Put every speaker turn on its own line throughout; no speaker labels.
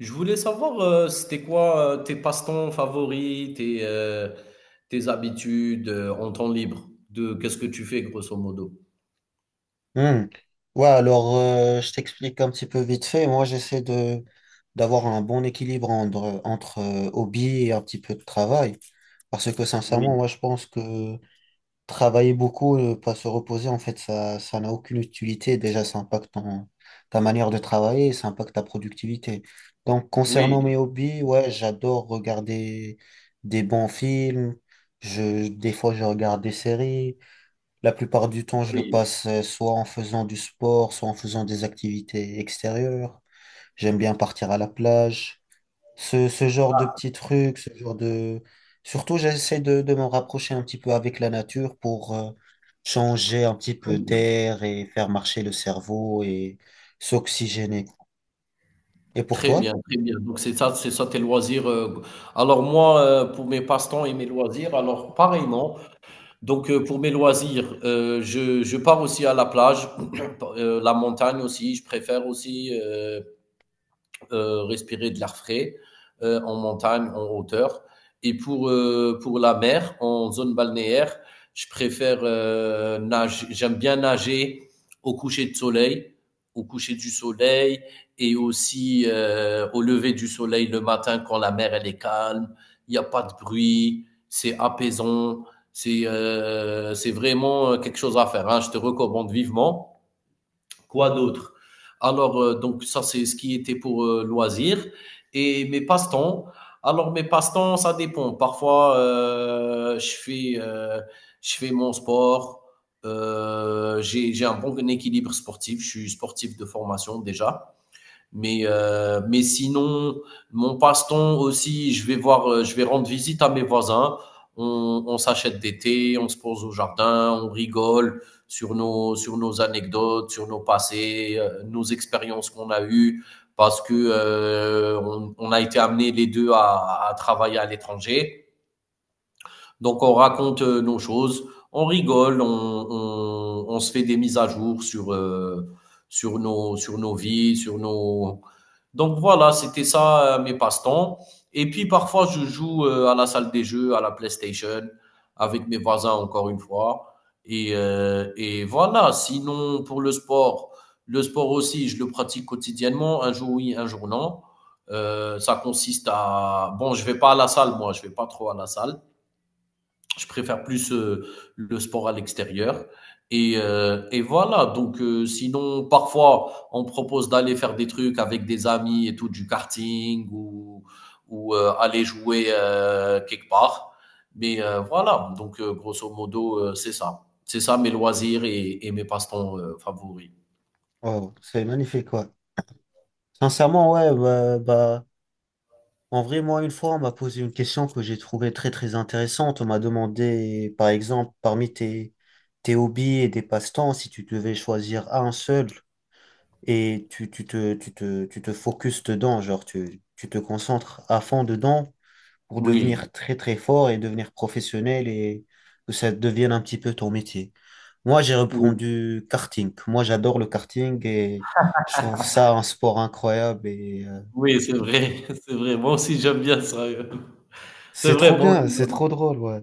Je voulais savoir, c'était quoi tes passe-temps favoris, tes habitudes en temps libre, de qu'est-ce que tu fais grosso modo?
Hmm. Ouais, alors je t'explique un petit peu vite fait. Moi, j'essaie de d'avoir un bon équilibre entre hobby et un petit peu de travail. Parce que sincèrement,
Oui,
moi, je pense que travailler beaucoup, pas se reposer, en fait, ça n'a aucune utilité. Déjà, ta manière de travailler, ça impacte ta productivité. Donc, concernant mes
oui,
hobbies, ouais, j'adore regarder des bons films. Des fois, je regarde des séries. La plupart du temps, je le
oui.
passe soit en faisant du sport, soit en faisant des activités extérieures. J'aime bien partir à la plage. Ce genre de petits trucs, ce genre de... Surtout, j'essaie de m'en rapprocher un petit peu avec la nature pour changer un petit peu d'air et faire marcher le cerveau et s'oxygéner. Et pour
Très
toi?
bien, très bien. Donc c'est ça tes loisirs. Alors moi, pour mes passe-temps et mes loisirs, alors pareillement. Donc pour mes loisirs, je pars aussi à la plage, la montagne aussi. Je préfère aussi. Respirer de l'air frais en montagne, en hauteur. Et pour la mer, en zone balnéaire, je préfère nager. J'aime bien nager au coucher de au coucher du soleil et aussi au lever du soleil le matin quand la mer elle est calme, il n'y a pas de bruit, c'est apaisant, c'est vraiment quelque chose à faire. Hein. Je te recommande vivement. Quoi d'autre. Alors, donc ça, c'est ce qui était pour loisirs. Et mes passe-temps. Alors, mes passe-temps, ça dépend. Parfois, je fais mon sport. J'ai un bon équilibre sportif. Je suis sportif de formation déjà. Mais sinon, mon passe-temps aussi, je vais rendre visite à mes voisins. On s'achète des thés, on se pose au jardin, on rigole sur sur nos anecdotes, sur nos passés, nos expériences qu'on a eues, parce que on a été amenés les deux à travailler à l'étranger. Donc, on raconte nos choses, on rigole, on se fait des mises à jour sur nos vies, sur nos... Donc voilà, c'était ça mes passe-temps. Et puis parfois, je joue à la salle des jeux, à la PlayStation, avec mes voisins encore une fois. Et voilà, sinon pour le sport aussi, je le pratique quotidiennement, un jour oui, un jour non. Ça consiste à... Bon, je vais pas à la salle, moi, je vais pas trop à la salle. Je préfère plus le sport à l'extérieur. Et voilà, donc sinon, parfois, on propose d'aller faire des trucs avec des amis et tout, du karting ou aller jouer quelque part. Mais voilà, donc grosso modo, c'est ça. C'est ça mes loisirs et mes passe-temps favoris.
Oh, c'est magnifique, ouais. Sincèrement, ouais, bah, bah, En vrai, moi, une fois, on m'a posé une question que j'ai trouvée très intéressante. On m'a demandé, par exemple, tes hobbies et des passe-temps, si tu devais choisir un seul et tu te focuses dedans, tu te concentres à fond dedans pour devenir
Oui,
très fort et devenir professionnel et que ça devienne un petit peu ton métier. Moi, j'ai
oui,
répondu karting. Moi, j'adore le karting et je trouve ça un sport incroyable.
oui, c'est vrai, c'est vrai. Moi aussi, j'aime bien ça. C'est
C'est trop
vrai, moi aussi.
bien, c'est trop drôle, ouais.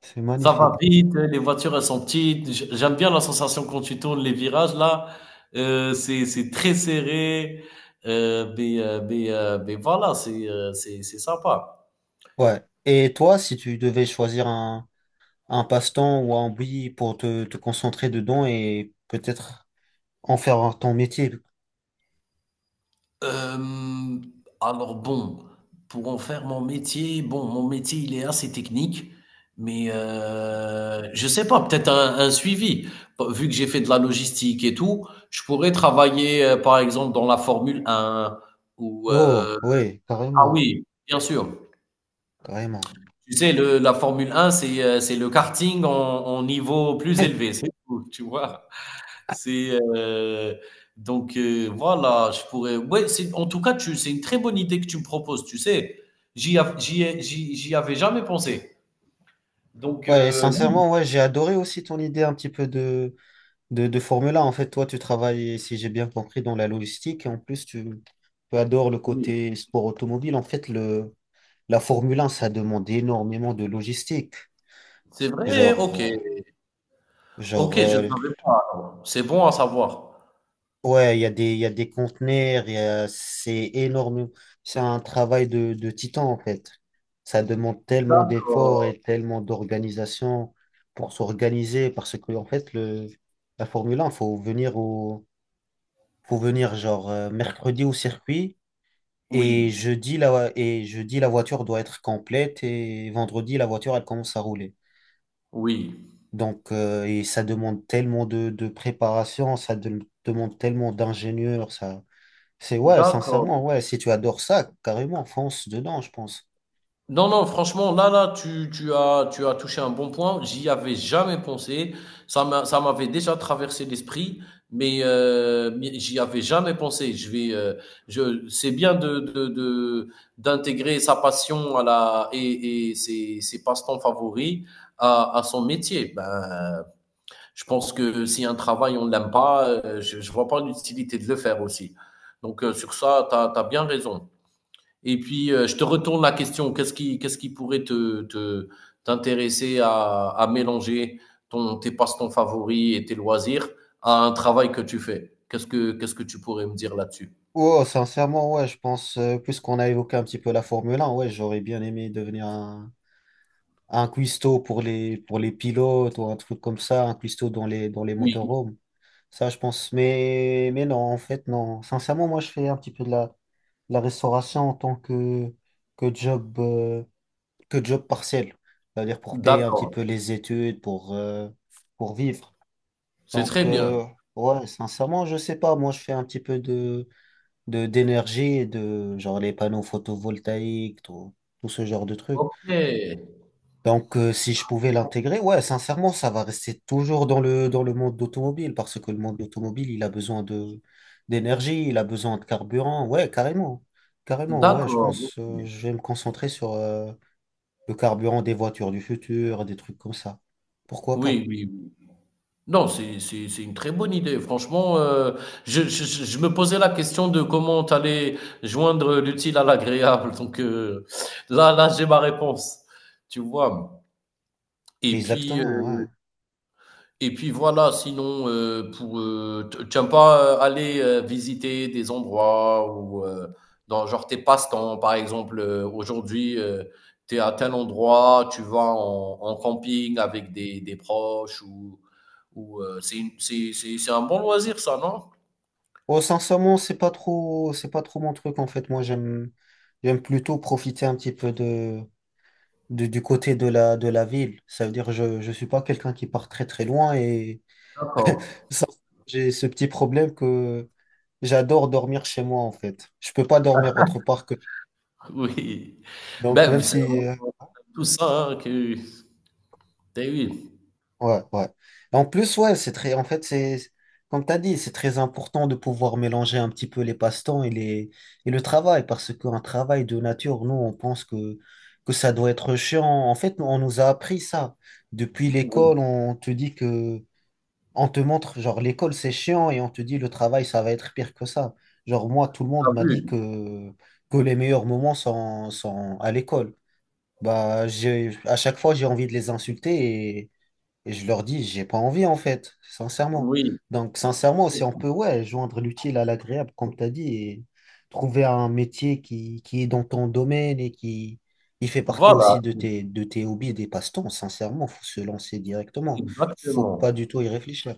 C'est
Ça va
magnifique.
vite, les voitures, elles sont petites. J'aime bien la sensation quand tu tournes les virages, là. C'est très serré. Mais voilà, c'est sympa.
Ouais. Et toi, si tu devais un passe-temps ou un hobby pour te concentrer dedans et peut-être en faire ton métier.
Euh, alors bon, pour en faire mon métier, bon, mon métier, il est assez technique. Mais je sais pas, peut-être un suivi. Vu que j'ai fait de la logistique et tout, je pourrais travailler, par exemple, dans la Formule un ou...
Oh,
euh,
oui,
Ah
carrément,
oui, bien sûr.
carrément.
Tu sais, le la Formule 1, c'est le karting en niveau plus élevé, c'est tout, tu vois? C'est, donc voilà, je pourrais ouais, c'est en tout cas, tu c'est une très bonne idée que tu me proposes, tu sais? J'y av j'y ai j'y j'y avais jamais pensé. Donc
Ouais, et
oui,
sincèrement, ouais, j'ai adoré aussi ton idée un petit peu de Formule 1. En fait, toi, tu travailles, si j'ai bien compris, dans la logistique et en plus, tu adores le
oui,
côté sport automobile. La Formule 1, ça demande énormément de logistique.
c'est vrai?
Genre,
OK.
euh, genre,
OK, je
euh,
savais pas alors. C'est bon à savoir.
Ouais, il y a des conteneurs, c'est énorme. C'est un travail de titan, en fait. Ça demande tellement d'efforts
D'accord.
et tellement d'organisation pour s'organiser parce que, la Formule un faut venir mercredi au circuit et
Oui,
jeudi, la voiture doit être complète et vendredi, la voiture, elle commence à rouler.
oui.
Et ça demande tellement de préparation, demande tellement d'ingénieurs, ça. C'est ouais,
D'accord.
sincèrement, ouais, si tu adores ça, carrément, fonce dedans, je pense.
Non, non, franchement, là, là, tu as touché un bon point. J'y avais jamais pensé. Ça m'avait déjà traversé l'esprit, mais j'y avais jamais pensé. C'est bien d'intégrer sa passion à la et ses passe-temps favoris à son métier. Ben, je pense que si un travail on ne l'aime pas, je vois pas l'utilité de le faire aussi. Donc sur ça, t'as bien raison. Et puis, je te retourne la question. Qu'est-ce qui pourrait t'intéresser à mélanger tes passe-temps favoris et tes loisirs à un travail que tu fais? Qu'est-ce que tu pourrais me dire là-dessus?
Oh, sincèrement, ouais, je pense, puisqu'on a évoqué un petit peu la Formule 1, ouais, j'aurais bien aimé un cuistot pour pour les pilotes ou un truc comme ça, un cuistot dans les
Oui,
motorhomes. Ça, je pense. Mais non, en fait, non. Sincèrement, moi, je fais un petit peu de la restauration que job, euh, que job partiel. C'est-à-dire pour payer un petit
d'accord.
peu les études, pour vivre.
C'est
Donc,
très bien.
ouais, sincèrement, je sais pas. Moi, je fais un petit peu d'énergie et de, genre, les panneaux photovoltaïques, tout ce genre de trucs.
Ok,
Donc, si je pouvais l'intégrer, ouais, sincèrement, ça va rester toujours dans dans le monde d'automobile parce que le monde automobile, il a besoin d'énergie, il a besoin de carburant. Ouais, carrément. Carrément, ouais, je
d'accord. Ok.
pense, je vais me concentrer sur, le carburant des voitures du futur, des trucs comme ça. Pourquoi pas?
Oui, oui, oui. Non, c'est une très bonne idée. Franchement, je me posais la question de comment tu allais joindre l'utile à l'agréable. Donc là, là, j'ai ma réponse. Tu vois. Et puis, heu
Exactement, ouais.
et puis voilà, sinon, pour, t tu aimes pas, aller, visiter des endroits ou, dans genre tes passe-temps, par exemple, aujourd'hui, tu es à tel endroit, tu vas en camping avec des proches ou, c'est une c'est un bon loisir ça, non?
Oh, sincèrement, c'est pas trop mon truc en fait. Moi, j'aime plutôt profiter un petit peu du côté de la ville. Ça veut dire, je suis pas quelqu'un qui part très très loin et
D'accord,
ça, j'ai ce petit problème que j'adore dormir chez moi en fait. Je peux pas dormir autre part que.
oui.
Donc,
Ben,
même
c'est
si
vraiment tout ça, hein, que beh, oui,
ouais, ouais. En plus, ouais, c'est très, en fait, c'est, comme tu as dit, c'est très important de pouvoir mélanger un petit peu les passe-temps et les, et le travail, parce qu'un travail de nature, nous, on pense que ça doit être chiant. En fait, nous, on nous a appris ça. Depuis
oui.
l'école, on te montre, genre, l'école, c'est chiant et on te dit le travail, ça va être pire que ça. Genre, moi, tout le monde
T'as
m'a dit
vu?
que les meilleurs moments sont à l'école. Bah, à chaque fois, j'ai envie de les insulter et je leur dis, j'ai pas envie en fait, sincèrement.
Oui,
Donc, sincèrement, si on peut, ouais, joindre l'utile à l'agréable, comme tu as dit, et trouver un métier qui est dans ton domaine et qui fait partie
voilà,
aussi de tes hobbies et des passe-temps, sincèrement, faut se lancer directement. Faut pas du
exactement.
tout y réfléchir.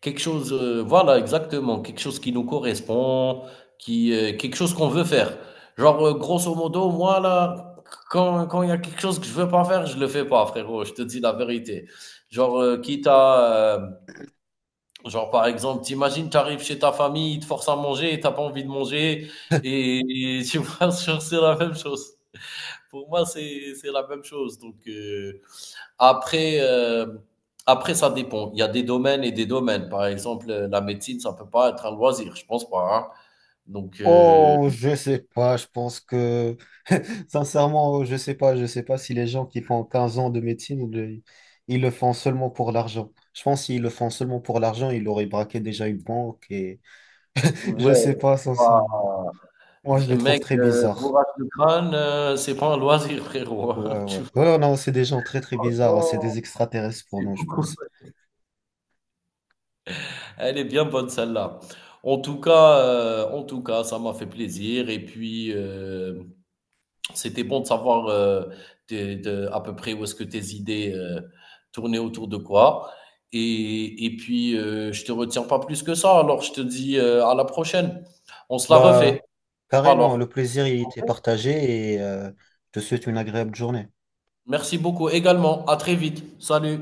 Quelque chose, voilà exactement, quelque chose qui nous correspond, qui, quelque chose qu'on veut faire. Genre, grosso modo, moi là, quand il y a quelque chose que je veux pas faire, je le fais pas frérot, je te dis la vérité. Genre, genre par exemple, tu imagines, tu arrives chez ta famille, ils te forcent à manger t'as pas envie de manger et tu vois? Genre c'est la même chose. Pour moi, c'est la même chose donc après, après, ça dépend. Il y a des domaines et des domaines. Par exemple, la médecine, ça peut pas être un loisir, je pense pas. Hein. Donc,
Oh, je sais pas, je pense sincèrement, je sais pas si les gens qui font 15 ans de médecine, ils le font seulement pour l'argent. Je pense qu'ils le font seulement pour l'argent, ils auraient braqué déjà une banque et
ouais,
je sais
c'est
pas, sincèrement.
pas-
Moi, je les trouve
mec,
très bizarres.
bourrage de crâne, c'est pas un loisir, frérot. Hein.
Ouais, ouais.
Tu vois,
Ouais, non, c'est des gens très bizarres. C'est
franchement,
des extraterrestres pour
c'est
nous, je
beaucoup.
pense.
Elle est bien bonne, celle-là. En tout cas, ça m'a fait plaisir. Et puis, c'était bon de savoir à peu près où est-ce que tes idées tournaient autour de quoi. Et puis, je te retiens pas plus que ça. Alors, je te dis à la prochaine. On se la refait.
Bah, carrément,
Alors,
le plaisir, il
Ok,
était partagé. Je te souhaite une agréable journée.
merci beaucoup également. À très vite. Salut.